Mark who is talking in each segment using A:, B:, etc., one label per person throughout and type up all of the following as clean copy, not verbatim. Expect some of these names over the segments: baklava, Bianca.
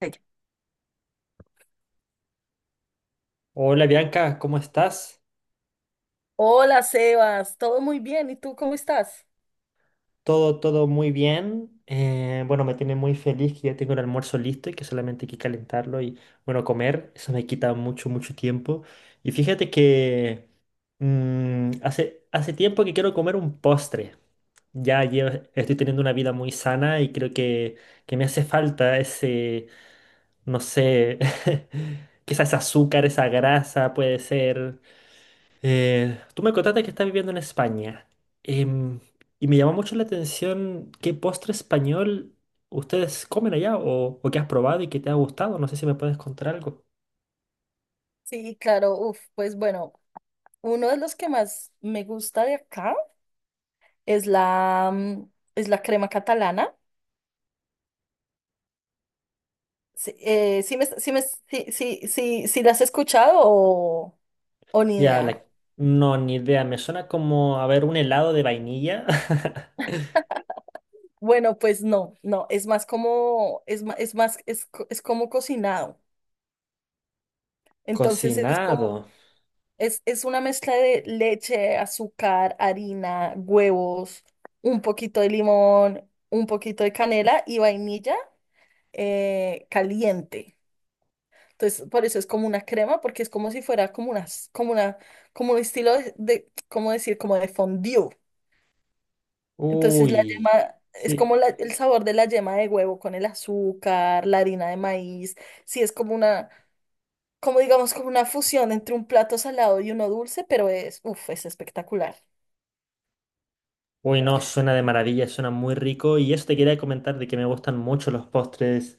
A: Ella.
B: Hola Bianca, ¿cómo estás?
A: Hola Sebas, todo muy bien, ¿y tú cómo estás?
B: Todo muy bien. Bueno, me tiene muy feliz que ya tengo el almuerzo listo y que solamente hay que calentarlo y, bueno, comer. Eso me quita mucho, mucho tiempo. Y fíjate que hace tiempo que quiero comer un postre. Estoy teniendo una vida muy sana y creo que me hace falta ese, no sé, quizás azúcar, esa grasa, puede ser. Tú me contaste que estás viviendo en España. Em, y me llamó mucho la atención qué postre español ustedes comen allá o qué has probado y qué te ha gustado. No sé si me puedes contar algo.
A: Sí, claro, uf, pues bueno, uno de los que más me gusta de acá es es la crema catalana. Sí, sí la has escuchado, o, ¿o ni
B: Ya,
A: idea?
B: la- no, ni idea. Me suena como a ver un helado de vainilla
A: Bueno, pues no, es más como cocinado. Entonces es como,
B: cocinado.
A: Es una mezcla de leche, azúcar, harina, huevos, un poquito de limón, un poquito de canela y vainilla caliente. Entonces, por eso es como una crema, porque es como si fuera como una, como un estilo ¿cómo decir? Como de fondue. Entonces, la
B: Uy,
A: yema es como
B: sí.
A: el sabor de la yema de huevo con el azúcar, la harina de maíz. Sí, es como una, como digamos, como una fusión entre un plato salado y uno dulce, pero es, uff, es espectacular.
B: Uy, no, suena de maravilla, suena muy rico. Y eso te quería comentar de que me gustan mucho los postres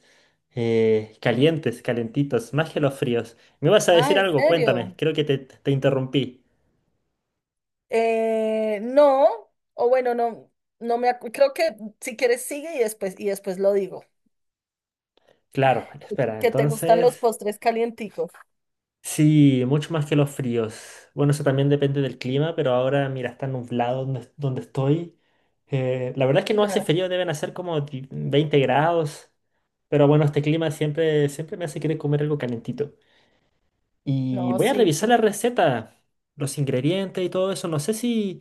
B: calientes, calentitos, más que los fríos. ¿Me vas a
A: Ah,
B: decir
A: ¿en
B: algo? Cuéntame,
A: serio?
B: creo que te interrumpí.
A: No, o bueno, no, no me acu- creo que si quieres sigue y después lo digo.
B: Claro, espera,
A: Que te gustan los
B: entonces...
A: postres calienticos.
B: Sí, mucho más que los fríos. Bueno, eso también depende del clima, pero ahora, mira, está nublado donde, donde estoy. La verdad es que no hace
A: Claro.
B: frío, deben hacer como 20 grados. Pero bueno, este clima siempre, siempre me hace querer comer algo calentito. Y
A: No,
B: voy a
A: sí,
B: revisar la
A: sí.
B: receta, los ingredientes y todo eso. No sé si,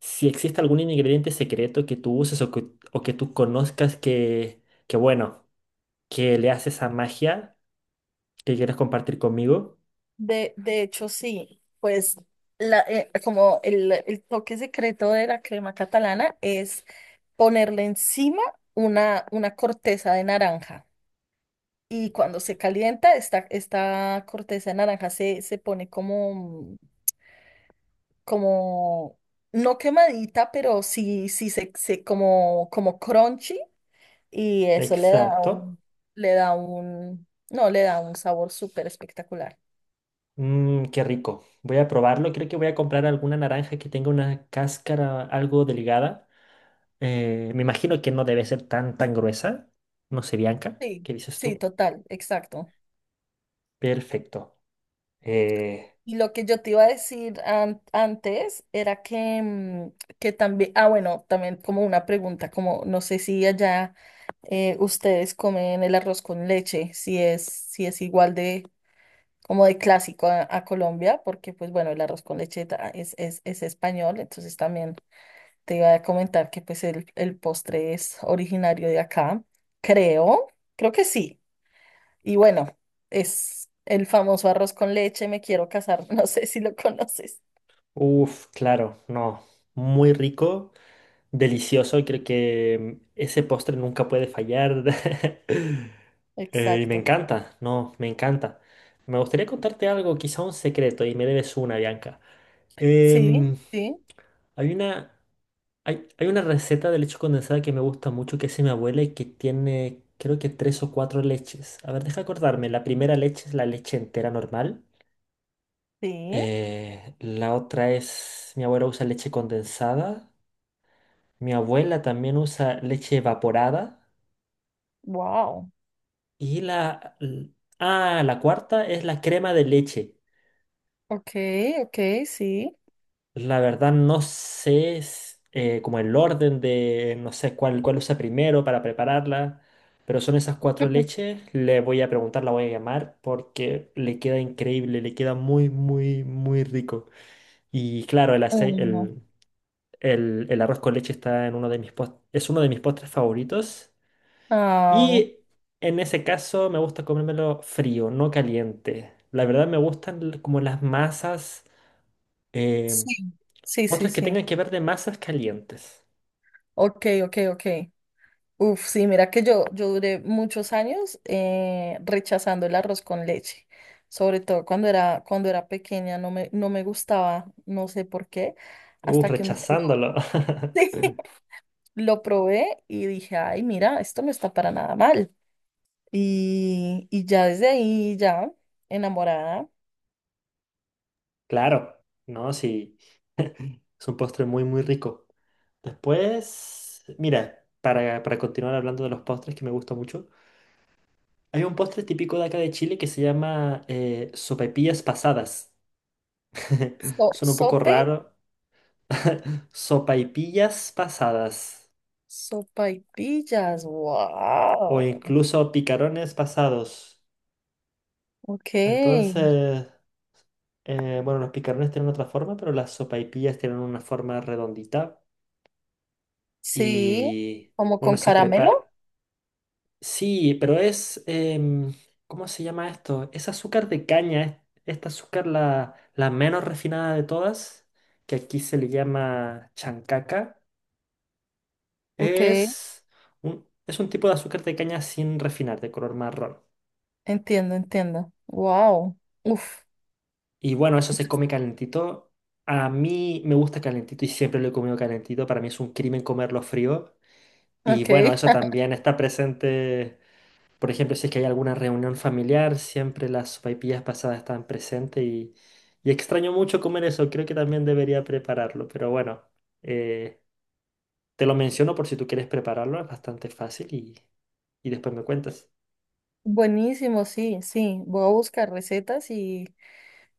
B: si existe algún ingrediente secreto que tú uses o que tú conozcas que, bueno, que le hace esa magia que quieres compartir conmigo.
A: De hecho, sí. Pues el toque secreto de la crema catalana es ponerle encima una corteza de naranja. Y cuando se calienta, esta corteza de naranja se pone como, no quemadita, pero como crunchy y eso
B: Exacto.
A: le da un, no, le da un sabor súper espectacular.
B: Mm, qué rico. Voy a probarlo. Creo que voy a comprar alguna naranja que tenga una cáscara algo delgada. Me imagino que no debe ser tan, tan gruesa. No sé, Bianca,
A: Sí,
B: ¿qué dices
A: sí,
B: tú?
A: total, exacto.
B: Perfecto. Eh,
A: Y lo que yo te iba a decir antes era que también, ah, bueno, también como una pregunta, como no sé si allá ustedes comen el arroz con leche, si es igual de como de clásico a Colombia, porque pues bueno, el arroz con leche es español, entonces también te iba a comentar que pues el postre es originario de acá, creo, creo que sí. Y bueno, es el famoso arroz con leche, me quiero casar, no sé si lo conoces.
B: Uf, claro, no. Muy rico, delicioso. Y creo que ese postre nunca puede fallar. Y me
A: Exacto.
B: encanta, no, me encanta. Me gustaría contarte algo, quizá un secreto, y me debes una, Bianca.
A: Sí,
B: Em,
A: sí,
B: hay una, Hay una receta de leche condensada que me gusta mucho, que es de mi abuela y que tiene, creo que tres o cuatro leches. A ver, deja acordarme. La primera leche es la leche entera normal.
A: sí.
B: Mi abuela usa leche condensada, mi abuela también usa leche evaporada
A: Wow.
B: y la... l- Ah, la cuarta es la crema de leche.
A: Ok, ok, sí.
B: La verdad no sé como el orden de, no sé cuál, cuál usa primero para prepararla, pero son esas cuatro leches. Le voy a preguntar, la voy a llamar porque le queda increíble, le queda muy, muy, muy rico. Y claro, el aceite,
A: Mm.
B: El arroz con leche está en uno de es uno de mis postres favoritos.
A: Ah,
B: Y en ese caso me gusta comérmelo frío, no caliente. La verdad me gustan como las masas, eh,
A: sí, sí, sí,
B: postres que
A: sí.
B: tengan que ver de masas calientes.
A: Ok, ok, ok. Uf, sí, mira que yo duré muchos años rechazando el arroz con leche, sobre todo cuando cuando era pequeña, no me gustaba, no sé por qué, hasta que un día
B: Rechazándolo.
A: lo probé y dije, ay, mira, esto no está para nada mal. Y ya desde ahí, ya enamorada,
B: Claro, no, sí, es un postre muy, muy rico. Después, mira, para continuar hablando de los postres que me gusta mucho, hay un postre típico de acá de Chile que se llama sopaipillas pasadas.
A: so-
B: Son un poco
A: sope,
B: raro. Sopaipillas pasadas
A: sopaipillas,
B: o
A: wow,
B: incluso picarones pasados.
A: ok,
B: Entonces, bueno, los picarones tienen otra forma, pero las sopaipillas tienen una forma redondita
A: sí,
B: y
A: como
B: bueno,
A: con
B: se
A: caramelo,
B: prepara. Sí, pero es, em, ¿cómo se llama esto? Es azúcar de caña, esta azúcar la, la menos refinada de todas, que aquí se le llama chancaca.
A: ok.
B: Es es un tipo de azúcar de caña sin refinar, de color marrón.
A: Entiendo, entiendo. Wow. Uf.
B: Y bueno, eso se come calentito. A mí me gusta calentito y siempre lo he comido calentito. Para mí es un crimen comerlo frío. Y
A: Ok.
B: bueno, eso también está presente. Por ejemplo, si es que hay alguna reunión familiar, siempre las sopaipillas pasadas están presentes y extraño mucho comer eso. Creo que también debería prepararlo. Pero bueno, eh, te lo menciono por si tú quieres prepararlo. Es bastante fácil y después me cuentas.
A: Buenísimo, sí, sí. Voy a buscar recetas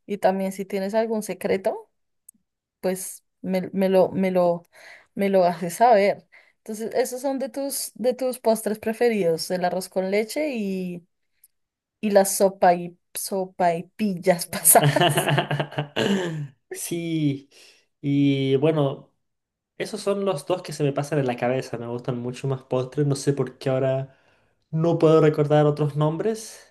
A: y también si tienes algún secreto, pues me lo haces saber. Entonces, esos son de de tus postres preferidos, el arroz con leche y las sopa y, sopa y pillas pasadas.
B: Sí, y bueno, esos son los dos que se me pasan en la cabeza. Me gustan mucho más postres. No sé por qué ahora no puedo recordar otros nombres.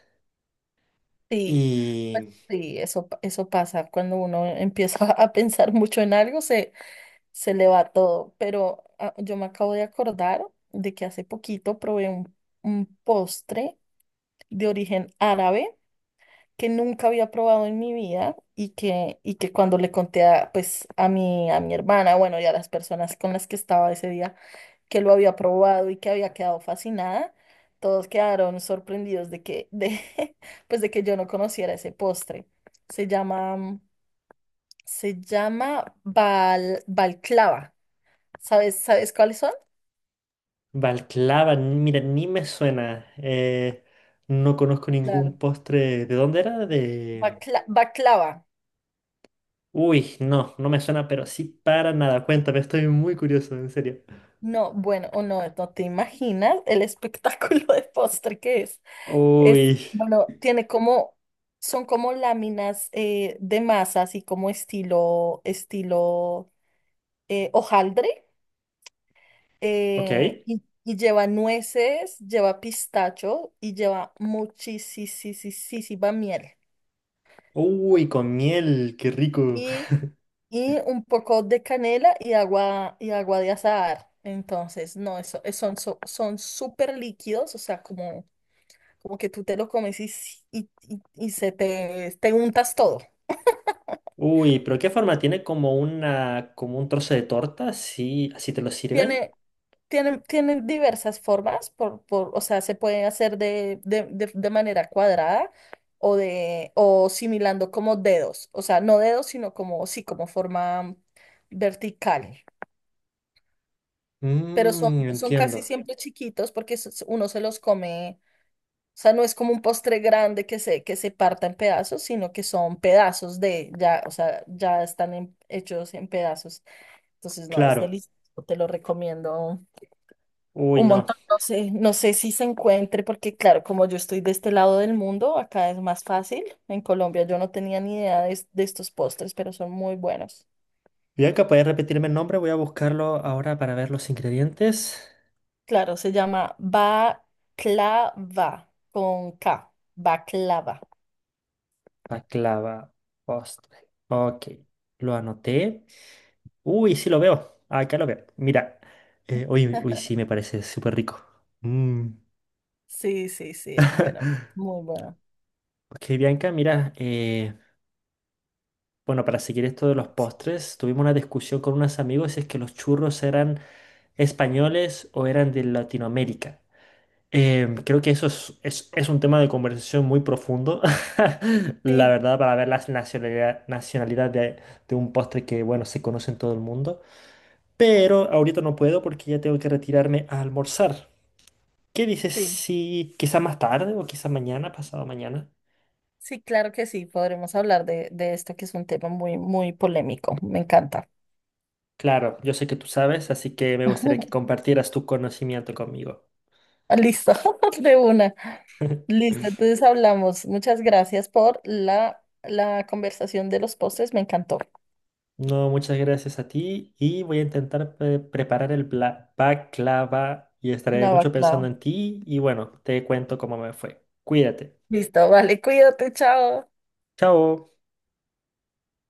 A: Sí, pues
B: Y
A: sí, eso pasa. Cuando uno empieza a pensar mucho en algo, se le va todo. Pero ah, yo me acabo de acordar de que hace poquito probé un postre de origen árabe que nunca había probado en mi vida y y que cuando le conté a, pues, a mi hermana, bueno, y a las personas con las que estaba ese día, que lo había probado y que había quedado fascinada, todos quedaron sorprendidos de pues, de que yo no conociera ese postre. Se llama, se llama balclava. ¿Sabes, sabes cuáles son?
B: Balclava, mira, ni me suena. No conozco ningún
A: Claro.
B: postre. ¿De dónde era? De...
A: Baklava.
B: Uy, no, no me suena, pero sí para nada. Cuéntame, estoy muy curioso, en serio.
A: No, bueno, o no, no te imaginas el espectáculo de postre que es. Es,
B: Uy,
A: bueno, tiene como, son como láminas de masa, así como estilo hojaldre,
B: ok.
A: y lleva nueces, lleva pistacho y lleva muchísima miel.
B: Uy, con miel, qué rico.
A: Y un poco de canela y agua de azahar. Entonces, no, eso, son súper líquidos, o sea, como, como que tú te lo comes y te untas todo.
B: Uy, pero ¿qué forma tiene? Como una, como un trozo de torta, sí, así te lo sirven.
A: Tiene, Tiene diversas formas. O sea, se puede hacer de manera cuadrada o similando como dedos, o sea, no dedos, sino como, sí, como forma vertical. Pero
B: Mmm,
A: son
B: entiendo.
A: casi siempre chiquitos porque uno se los come. O sea, no es como un postre grande que que se parta en pedazos, sino que son pedazos de, ya, o sea, ya están hechos en pedazos. Entonces, no, es
B: Claro.
A: delicioso, te lo recomiendo
B: Uy,
A: un
B: no.
A: montón. No sé, no sé si se encuentre, porque claro, como yo estoy de este lado del mundo, acá es más fácil. En Colombia yo no tenía ni idea de, de estos postres, pero son muy buenos.
B: Bianca, ¿puedes repetirme el nombre? Voy a buscarlo ahora para ver los ingredientes.
A: Claro, se llama baklava, con K, baklava.
B: Baklava, postre. Ok, lo anoté. Uy, sí lo veo. Acá lo veo. Mira. Uy, uy, sí, me parece súper rico. Mm.
A: Sí, sí, sí, es bueno, muy bueno,
B: Ok, Bianca, mira. Bueno, para seguir esto de los
A: delicioso.
B: postres, tuvimos una discusión con unos amigos si es que los churros eran españoles o eran de Latinoamérica. Creo que eso es un tema de conversación muy profundo, la
A: Sí,
B: verdad, para ver la nacionalidad, nacionalidad de un postre que, bueno, se conoce en todo el mundo. Pero ahorita no puedo porque ya tengo que retirarme a almorzar. ¿Qué dices
A: sí,
B: si quizá más tarde o quizá mañana, pasado mañana?
A: sí, claro que sí, podremos hablar de esto que es un tema muy, muy polémico, me encanta.
B: Claro, yo sé que tú sabes, así que me gustaría que compartieras tu conocimiento conmigo.
A: Listo, de una. Listo, entonces hablamos. Muchas gracias por la conversación de los postres, me encantó.
B: No, muchas gracias a ti y voy a intentar preparar el baklava y estaré
A: La
B: mucho
A: baclava.
B: pensando en ti y bueno, te cuento cómo me fue. Cuídate.
A: Listo, vale, cuídate, chao.
B: Chao.